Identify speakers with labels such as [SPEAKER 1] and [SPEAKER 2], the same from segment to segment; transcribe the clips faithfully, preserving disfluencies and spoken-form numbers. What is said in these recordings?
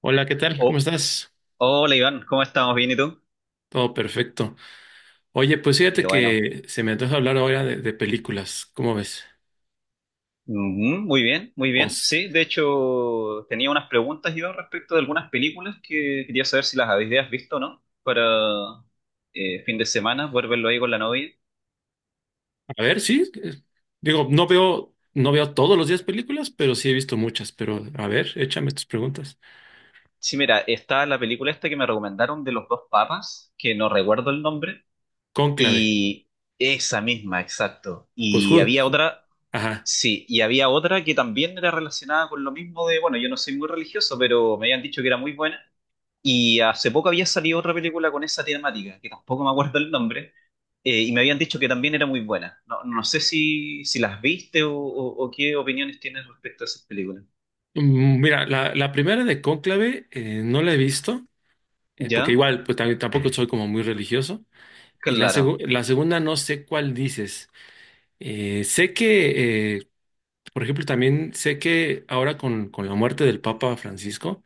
[SPEAKER 1] Hola, ¿qué tal? ¿Cómo
[SPEAKER 2] Oh,
[SPEAKER 1] estás?
[SPEAKER 2] hola Iván, ¿cómo estamos? ¿Bien y tú?
[SPEAKER 1] Todo perfecto. Oye, pues
[SPEAKER 2] Qué
[SPEAKER 1] fíjate
[SPEAKER 2] bueno.
[SPEAKER 1] que se me antoja hablar ahora de, de películas. ¿Cómo ves?
[SPEAKER 2] Ujú, muy bien, muy bien.
[SPEAKER 1] Os-
[SPEAKER 2] Sí, de hecho tenía unas preguntas, Iván, respecto de algunas películas que quería saber si las habías visto o no, para eh, fin de semana, poder verlo ahí con la novia.
[SPEAKER 1] a ver, sí. eh, Digo, no veo, no veo todos los días películas, pero sí he visto muchas. Pero a ver, échame tus preguntas.
[SPEAKER 2] Sí, mira, está la película esta que me recomendaron de los dos papas, que no recuerdo el nombre,
[SPEAKER 1] Cónclave.
[SPEAKER 2] y esa misma, exacto.
[SPEAKER 1] Pues,
[SPEAKER 2] Y
[SPEAKER 1] ju-
[SPEAKER 2] había
[SPEAKER 1] ju-
[SPEAKER 2] otra,
[SPEAKER 1] ajá.
[SPEAKER 2] sí, y había otra que también era relacionada con lo mismo de, bueno, yo no soy muy religioso, pero me habían dicho que era muy buena. Y hace poco había salido otra película con esa temática, que tampoco me acuerdo el nombre, eh, y me habían dicho que también era muy buena. No, no sé si, si las viste o, o- o qué opiniones tienes respecto a esas películas.
[SPEAKER 1] Mm, Mira, la, la primera de Cónclave eh, no la he visto, eh, porque
[SPEAKER 2] ¿Ya?
[SPEAKER 1] igual, pues tam- tampoco soy como muy religioso. Y la,
[SPEAKER 2] Claro.
[SPEAKER 1] segu- la segunda no sé cuál dices. Eh, sé que eh, Por ejemplo, también sé que ahora con, con la muerte del Papa Francisco,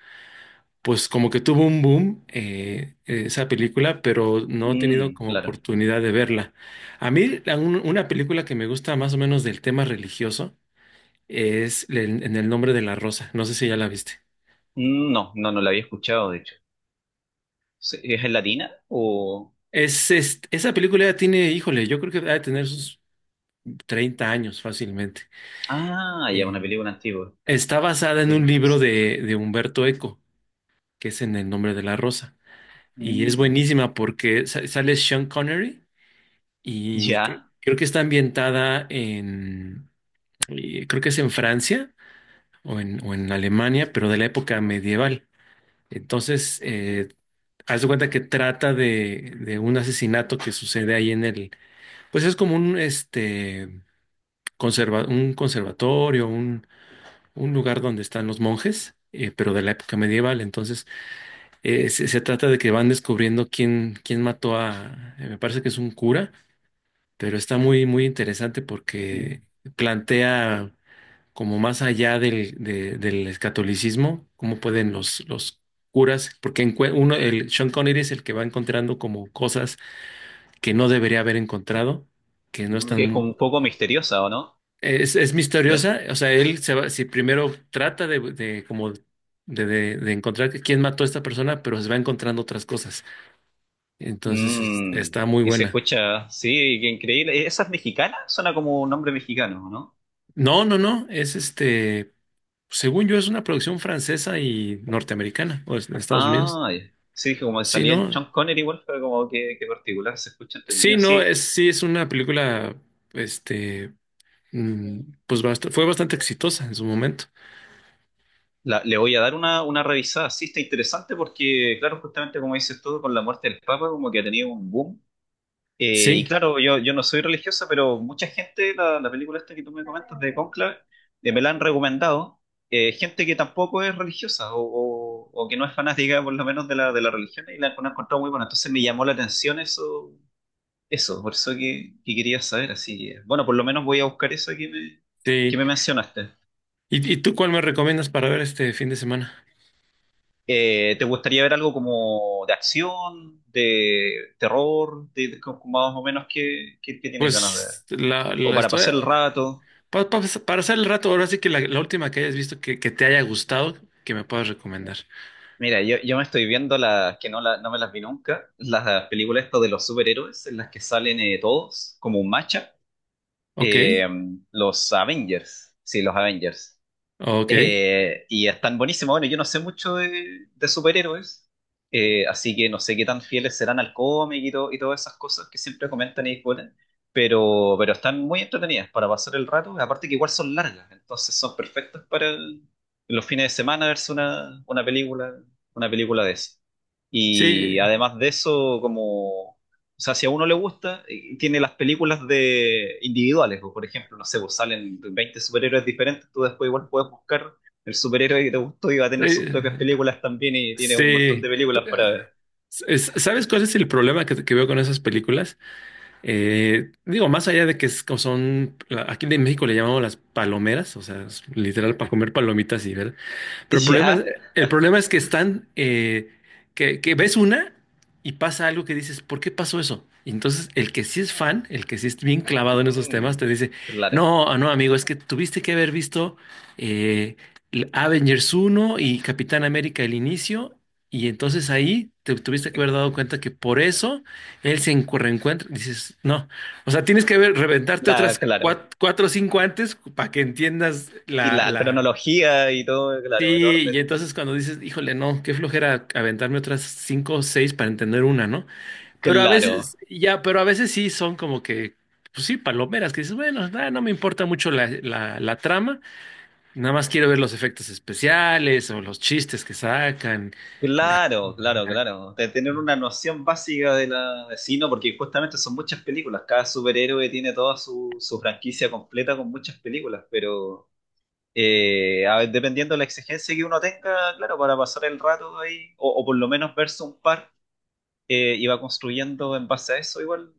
[SPEAKER 1] pues como que tuvo un boom eh, esa película, pero no he tenido
[SPEAKER 2] Mm,
[SPEAKER 1] como
[SPEAKER 2] claro.
[SPEAKER 1] oportunidad de verla. A mí la- un- una película que me gusta más o menos del tema religioso es En en el nombre de la rosa. No sé si ya la viste.
[SPEAKER 2] Mm, no, no, no la había escuchado, de hecho. ¿Se- ¿Es en latina o...?
[SPEAKER 1] Es, es- esa película ya tiene, híjole, yo creo que va a tener sus treinta años fácilmente.
[SPEAKER 2] Ah, ya,
[SPEAKER 1] Eh,
[SPEAKER 2] una película antigua.
[SPEAKER 1] Está basada en
[SPEAKER 2] Ya, qué
[SPEAKER 1] un libro
[SPEAKER 2] interesante.
[SPEAKER 1] de, de Humberto Eco, que es En el nombre de la rosa. Y es
[SPEAKER 2] Mm,
[SPEAKER 1] buenísima porque sa- sale Sean Connery y cre-
[SPEAKER 2] ya.
[SPEAKER 1] creo, que está ambientada en, eh, creo que es en Francia o en, o en Alemania, pero de la época medieval. Entonces, eh, haz de cuenta que trata de, de un asesinato que sucede ahí en el, pues es como un, este, conserva- un conservatorio, un, un lugar donde están los monjes, eh, pero de la época medieval. Entonces, Eh, se, se trata de que van descubriendo quién, quién mató a, eh, me parece que es un cura, pero está muy, muy interesante
[SPEAKER 2] Mm,
[SPEAKER 1] porque plantea como más allá del, de- del catolicismo, cómo pueden los, los curas, porque encue- uno, el Sean Connery es el que va encontrando como cosas que no debería haber encontrado, que no
[SPEAKER 2] es como
[SPEAKER 1] están,
[SPEAKER 2] un poco misteriosa, ¿o no?
[SPEAKER 1] es, es
[SPEAKER 2] ¿Eh?
[SPEAKER 1] misteriosa, o sea, él se va, si primero trata de, de como de, de de encontrar quién mató a esta persona, pero se va encontrando otras cosas. Entonces es-
[SPEAKER 2] Mm,
[SPEAKER 1] está muy
[SPEAKER 2] y se
[SPEAKER 1] buena.
[SPEAKER 2] escucha, sí, qué increíble. ¿Esas mexicanas? Suena como un nombre mexicano, ¿no?
[SPEAKER 1] No, no, no, es este, según yo es una producción francesa y norteamericana, o es de Estados Unidos.
[SPEAKER 2] Ah, ya. Sí, dije, como
[SPEAKER 1] Sí,
[SPEAKER 2] salía el
[SPEAKER 1] no,
[SPEAKER 2] Sean Connery igual, fue como que, que particular, se escucha entre
[SPEAKER 1] sí,
[SPEAKER 2] mío.
[SPEAKER 1] no,
[SPEAKER 2] Sí,
[SPEAKER 1] es, sí es una película, este, mm, pues bast- fue bastante exitosa en su momento.
[SPEAKER 2] la- le voy a dar una, una revisada. Sí, está interesante porque, claro, justamente como dices tú, con la muerte del Papa, como que ha tenido un boom. Eh, y
[SPEAKER 1] Sí,
[SPEAKER 2] claro, yo, yo no soy religiosa, pero mucha gente, la, la película esta que tú me comentas de Conclave, eh, me la han recomendado. eh, gente que tampoco es religiosa o, o- o que no es fanática, por lo menos, de la, de la religión y la han encontrado muy buena. Entonces me llamó la atención eso, eso, por eso que, que quería saber. Así que, bueno, por lo menos voy a buscar eso que me, que
[SPEAKER 1] sí.
[SPEAKER 2] me mencionaste.
[SPEAKER 1] ¿Y, y tú cuál me recomiendas para ver este fin de semana?
[SPEAKER 2] Eh, ¿te gustaría ver algo como de acción, de terror, de, de- como más o menos que, que, que tienes ganas de ver?
[SPEAKER 1] Pues la,
[SPEAKER 2] O
[SPEAKER 1] la
[SPEAKER 2] para
[SPEAKER 1] estoy,
[SPEAKER 2] pasar el rato.
[SPEAKER 1] pa- pa- para hacer el rato, ahora sí que la, la última que hayas visto que, que te haya gustado, que me puedas recomendar.
[SPEAKER 2] Mira, yo, yo me estoy viendo las que no, la- no me las vi nunca, las películas estas de los superhéroes en las que salen eh, todos como un macha,
[SPEAKER 1] Ok,
[SPEAKER 2] eh, los Avengers, sí, los Avengers.
[SPEAKER 1] ok.
[SPEAKER 2] Eh, y están buenísimos. Bueno, yo no sé mucho de, de superhéroes, eh, así que no sé qué tan fieles serán al cómic y, to- y todas esas cosas que siempre comentan y discuten, pero, pero están muy entretenidas para pasar el rato. Aparte que igual son largas, entonces son perfectas para el- los fines de semana verse una, una película, una película de eso. Y
[SPEAKER 1] Sí,
[SPEAKER 2] además de eso, como o sea, si a uno le gusta, eh, tiene las películas de individuales, o por ejemplo, no sé, pues salen veinte superhéroes diferentes, tú después igual puedes buscar el superhéroe que te gustó y va a tener sus
[SPEAKER 1] Eh,
[SPEAKER 2] propias películas también y tiene un montón
[SPEAKER 1] sí.
[SPEAKER 2] de películas para ver.
[SPEAKER 1] es- ¿Sabes cuál es el problema que, que veo con esas películas? Eh, digo, más allá de que es como son, aquí en México le llamamos las palomeras, o sea, es literal para comer palomitas y ver. Pero el problema es,
[SPEAKER 2] Ya,
[SPEAKER 1] el problema es que están, eh, que, que ves una y pasa algo que dices, ¿por qué pasó eso? Y entonces el que sí es fan, el que sí es bien clavado en esos temas,
[SPEAKER 2] mm,
[SPEAKER 1] te dice,
[SPEAKER 2] claro,
[SPEAKER 1] no, ah, no, amigo, es que tuviste que haber visto eh, l- Avengers uno y Capitán América el inicio, y entonces ahí te tuviste que
[SPEAKER 2] eh,
[SPEAKER 1] haber dado cuenta que por eso él se encu- reencuentra. Dices, no, o sea, tienes que haber, reventarte otras
[SPEAKER 2] la, claro.
[SPEAKER 1] cuat- cuatro, o cinco antes para que entiendas
[SPEAKER 2] Y
[SPEAKER 1] la,
[SPEAKER 2] la
[SPEAKER 1] la,
[SPEAKER 2] cronología y todo, claro, el
[SPEAKER 1] Sí, y entonces
[SPEAKER 2] orden,
[SPEAKER 1] cuando dices, híjole, no, qué flojera aventarme otras cinco o seis para entender una, ¿no? Pero a veces,
[SPEAKER 2] claro.
[SPEAKER 1] ya, pero a veces sí son como que, pues sí, palomeras, que dices, bueno, ah, no me importa mucho la, la, la trama, nada más quiero ver los efectos especiales o los chistes que sacan. la-
[SPEAKER 2] Claro, claro,
[SPEAKER 1] la-
[SPEAKER 2] claro. De tener una noción básica de la de sí, no, porque justamente son muchas películas. Cada superhéroe tiene toda su, su franquicia completa con muchas películas, pero eh, a ver, dependiendo de la exigencia que uno tenga, claro, para pasar el rato ahí, o, o por lo menos verse un par, eh, y va construyendo en base a eso, igual,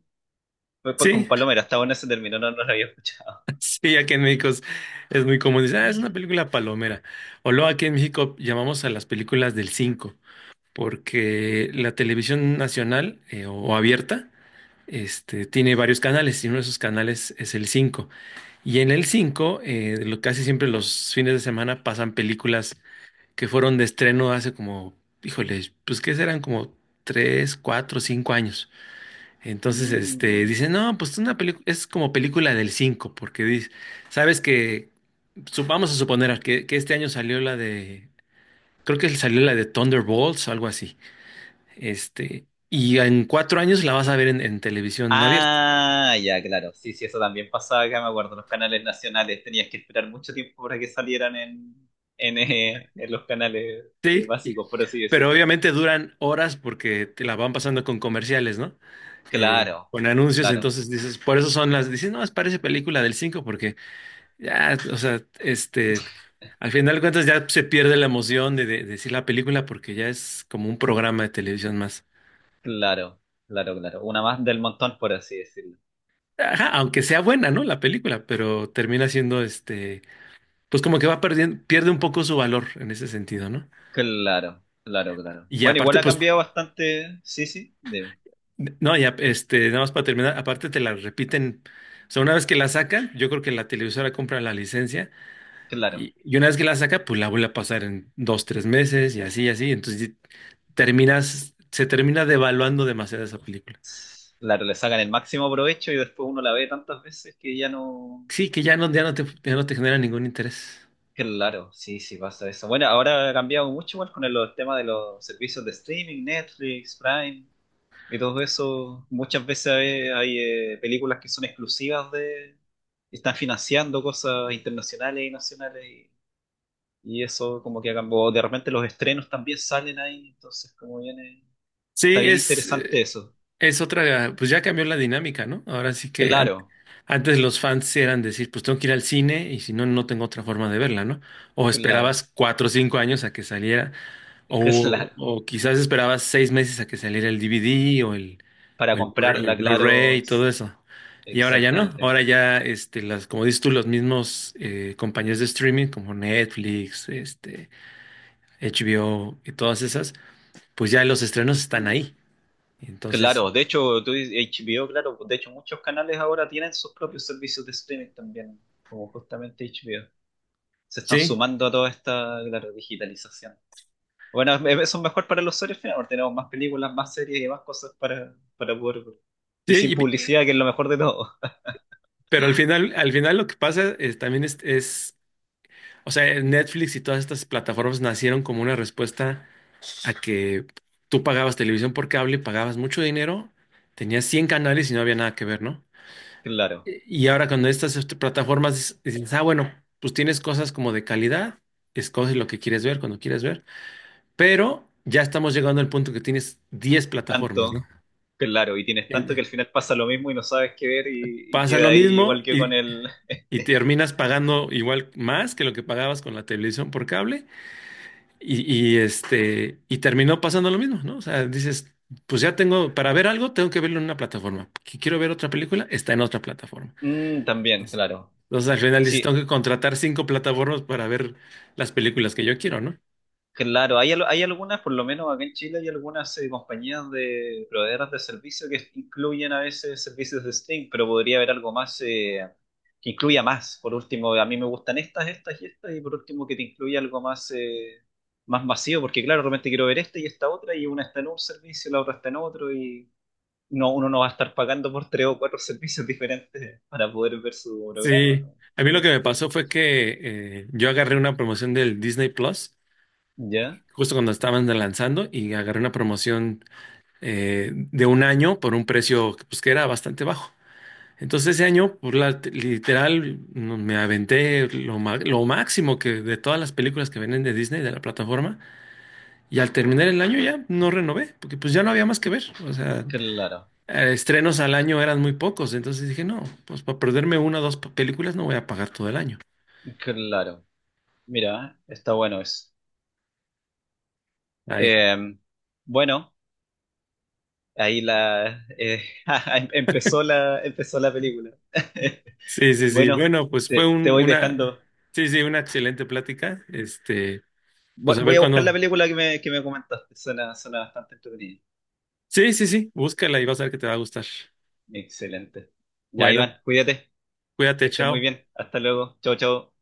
[SPEAKER 2] pues, pues, con
[SPEAKER 1] Sí,
[SPEAKER 2] Palomera, hasta bueno ese término, no, no lo había escuchado.
[SPEAKER 1] sí, aquí en México es, es muy común, dices, ah, es una película palomera. O luego aquí en México llamamos a las películas del cinco, porque la televisión nacional eh, o o abierta. Este, tiene varios canales y uno de esos canales es el cinco. Y en el cinco eh, lo- casi siempre los fines de semana pasan películas que fueron de estreno hace como, híjole, pues que serán como tres, cuatro, cinco años. Entonces, este,
[SPEAKER 2] Mm.
[SPEAKER 1] dicen, no, pues una película, es como película del cinco porque dice, sabes que, su- vamos a suponer que, que este año salió la de, creo que salió la de Thunderbolts o algo así. Este, y en cuatro años la vas a ver en en televisión abierta.
[SPEAKER 2] Ah, ya, claro. Sí, sí, eso también pasaba acá, me acuerdo. Los canales nacionales tenías que esperar mucho tiempo para que salieran en, en, eh, en los canales eh,
[SPEAKER 1] Sí,
[SPEAKER 2] básicos, por así
[SPEAKER 1] pero
[SPEAKER 2] decirlo.
[SPEAKER 1] obviamente duran horas porque te la van pasando con comerciales, ¿no? Eh,
[SPEAKER 2] Claro,
[SPEAKER 1] con anuncios,
[SPEAKER 2] claro,
[SPEAKER 1] entonces dices, por eso son las, dices, no, es parece película del cinco porque ya, o sea, este, al final de cuentas ya se pierde la emoción de, de decir la película porque ya es como un programa de televisión más.
[SPEAKER 2] claro, claro, claro. Una más del montón, por así decirlo.
[SPEAKER 1] Ajá, aunque sea buena, ¿no? La película, pero termina siendo, este, pues como que va perdiendo, pierde un poco su valor en ese sentido, ¿no?
[SPEAKER 2] Claro, claro, claro.
[SPEAKER 1] Y
[SPEAKER 2] Bueno, igual
[SPEAKER 1] aparte,
[SPEAKER 2] ha
[SPEAKER 1] pues
[SPEAKER 2] cambiado bastante. Sí, sí, de-
[SPEAKER 1] no, ya, este, nada más para terminar, aparte te la repiten, o sea, una vez que la sacan, yo creo que la televisora compra la licencia
[SPEAKER 2] claro.
[SPEAKER 1] y, y una vez que la saca, pues la vuelve a pasar en dos, tres meses y así, y así, entonces terminas, se termina devaluando demasiado esa película.
[SPEAKER 2] Claro, le sacan el máximo provecho y después uno la ve tantas veces que ya no.
[SPEAKER 1] Sí, que ya no, ya no te, ya no te genera ningún interés.
[SPEAKER 2] Claro, sí, sí pasa eso. Bueno, ahora ha cambiado mucho igual con el, los temas de los servicios de streaming, Netflix, Prime y todo eso. Muchas veces hay, hay, eh, películas que son exclusivas de... Están financiando cosas internacionales y nacionales y, y eso como que ha cambiado. De repente los estrenos también salen ahí, entonces como viene... Está
[SPEAKER 1] Sí,
[SPEAKER 2] bien
[SPEAKER 1] es,
[SPEAKER 2] interesante
[SPEAKER 1] eh,
[SPEAKER 2] eso.
[SPEAKER 1] es otra, pues ya cambió la dinámica, ¿no? Ahora sí que an-
[SPEAKER 2] Claro,
[SPEAKER 1] antes los fans sí eran decir, pues tengo que ir al cine y si no, no tengo otra forma de verla, ¿no? O
[SPEAKER 2] claro,
[SPEAKER 1] esperabas cuatro o cinco años a que saliera.
[SPEAKER 2] claro.
[SPEAKER 1] O, o quizás esperabas seis meses a que saliera el D V D o el,
[SPEAKER 2] Para
[SPEAKER 1] o el Blu-ray el
[SPEAKER 2] comprarla, claro,
[SPEAKER 1] Blu-ray y todo
[SPEAKER 2] ex-
[SPEAKER 1] eso. Y ahora ya no.
[SPEAKER 2] exactamente.
[SPEAKER 1] Ahora ya, este, las, como dices tú, los mismos eh, compañías de streaming como Netflix, este, H B O y todas esas, pues ya los estrenos están
[SPEAKER 2] Mm.
[SPEAKER 1] ahí. Entonces,
[SPEAKER 2] Claro, de hecho, tú dices H B O, claro, de hecho muchos canales ahora tienen sus propios servicios de streaming también, como justamente H B O. Se están
[SPEAKER 1] sí,
[SPEAKER 2] sumando a toda esta, claro, digitalización. Bueno, es- eso es mejor para los usuarios finales, porque tenemos más películas, más series y más cosas para, para poder ver. Y sin
[SPEAKER 1] sí, y-
[SPEAKER 2] publicidad, que es lo mejor de todo.
[SPEAKER 1] pero al final, al final lo que pasa es, también es, es, o sea, Netflix y todas estas plataformas nacieron como una respuesta a que tú pagabas televisión por cable, pagabas mucho dinero, tenías cien canales y no había nada que ver, ¿no?
[SPEAKER 2] Claro,
[SPEAKER 1] Y ahora cuando estas este, plataformas dices, ah, bueno, pues tienes cosas como de calidad, escoges lo que quieres ver cuando quieres ver, pero ya estamos llegando al punto que tienes diez plataformas, ¿no?
[SPEAKER 2] tanto, claro, y tienes tanto que al
[SPEAKER 1] En-
[SPEAKER 2] final pasa lo mismo y no sabes qué ver y, y
[SPEAKER 1] Pasa
[SPEAKER 2] queda
[SPEAKER 1] lo
[SPEAKER 2] ahí igual
[SPEAKER 1] mismo
[SPEAKER 2] que con
[SPEAKER 1] y,
[SPEAKER 2] el...
[SPEAKER 1] y terminas pagando igual más que lo que pagabas con la televisión por cable. Y, y, este, y terminó pasando lo mismo, ¿no? O sea, dices, pues ya tengo, para ver algo, tengo que verlo en una plataforma. Que quiero ver otra película, está en otra plataforma.
[SPEAKER 2] Mm, también,
[SPEAKER 1] Entonces
[SPEAKER 2] claro.
[SPEAKER 1] entonces, al final dices,
[SPEAKER 2] Sí,
[SPEAKER 1] tengo que contratar cinco plataformas para ver las películas que yo quiero, ¿no?
[SPEAKER 2] claro, hay, al- hay algunas, por lo menos acá en Chile, hay algunas eh, compañías de proveedoras de servicios que incluyen a veces servicios de stream, pero podría haber algo más eh, que incluya más. Por último, a mí me gustan estas, estas y estas, y por último que te incluya algo más, eh, más masivo, porque claro, realmente quiero ver esta y esta otra, y una está en un servicio, la otra está en otro, y no, uno no va a estar pagando por tres o cuatro servicios diferentes para poder ver su programa.
[SPEAKER 1] Sí,
[SPEAKER 2] ¿No?
[SPEAKER 1] a mí lo
[SPEAKER 2] Tiene
[SPEAKER 1] que me
[SPEAKER 2] sentido.
[SPEAKER 1] pasó fue que eh, yo agarré una promoción del Disney Plus
[SPEAKER 2] ¿Ya?
[SPEAKER 1] justo cuando estaban lanzando y agarré una promoción eh, de un año por un precio pues, que era bastante bajo. Entonces ese año, por la, literal, no- me aventé lo, ma- lo máximo que de todas las películas que vienen de Disney, de la plataforma, y al terminar el año ya no renové, porque pues ya no había más que ver. O sea,
[SPEAKER 2] Claro,
[SPEAKER 1] eh, estrenos al año eran muy pocos, entonces dije, no, pues para perderme una o dos p- películas no voy a pagar todo el año.
[SPEAKER 2] claro. Mira, está bueno eso.
[SPEAKER 1] Ahí.
[SPEAKER 2] Eh, bueno, ahí la eh, em- empezó la empezó la película.
[SPEAKER 1] Sí, sí, sí.
[SPEAKER 2] Bueno,
[SPEAKER 1] Bueno, pues fue
[SPEAKER 2] te, te
[SPEAKER 1] un,
[SPEAKER 2] voy
[SPEAKER 1] una,
[SPEAKER 2] dejando.
[SPEAKER 1] sí, sí, una excelente plática. Este,
[SPEAKER 2] Voy
[SPEAKER 1] pues a ver
[SPEAKER 2] voy a buscar la
[SPEAKER 1] cuándo.
[SPEAKER 2] película que me, que me comentaste. Suena, suena bastante entretenida.
[SPEAKER 1] Sí, sí, sí, búscala y vas a ver que te va a gustar.
[SPEAKER 2] Excelente. Ya,
[SPEAKER 1] Bueno,
[SPEAKER 2] Iván, cuídate, que
[SPEAKER 1] cuídate,
[SPEAKER 2] estés muy
[SPEAKER 1] chao.
[SPEAKER 2] bien. Hasta luego. Chao, chao.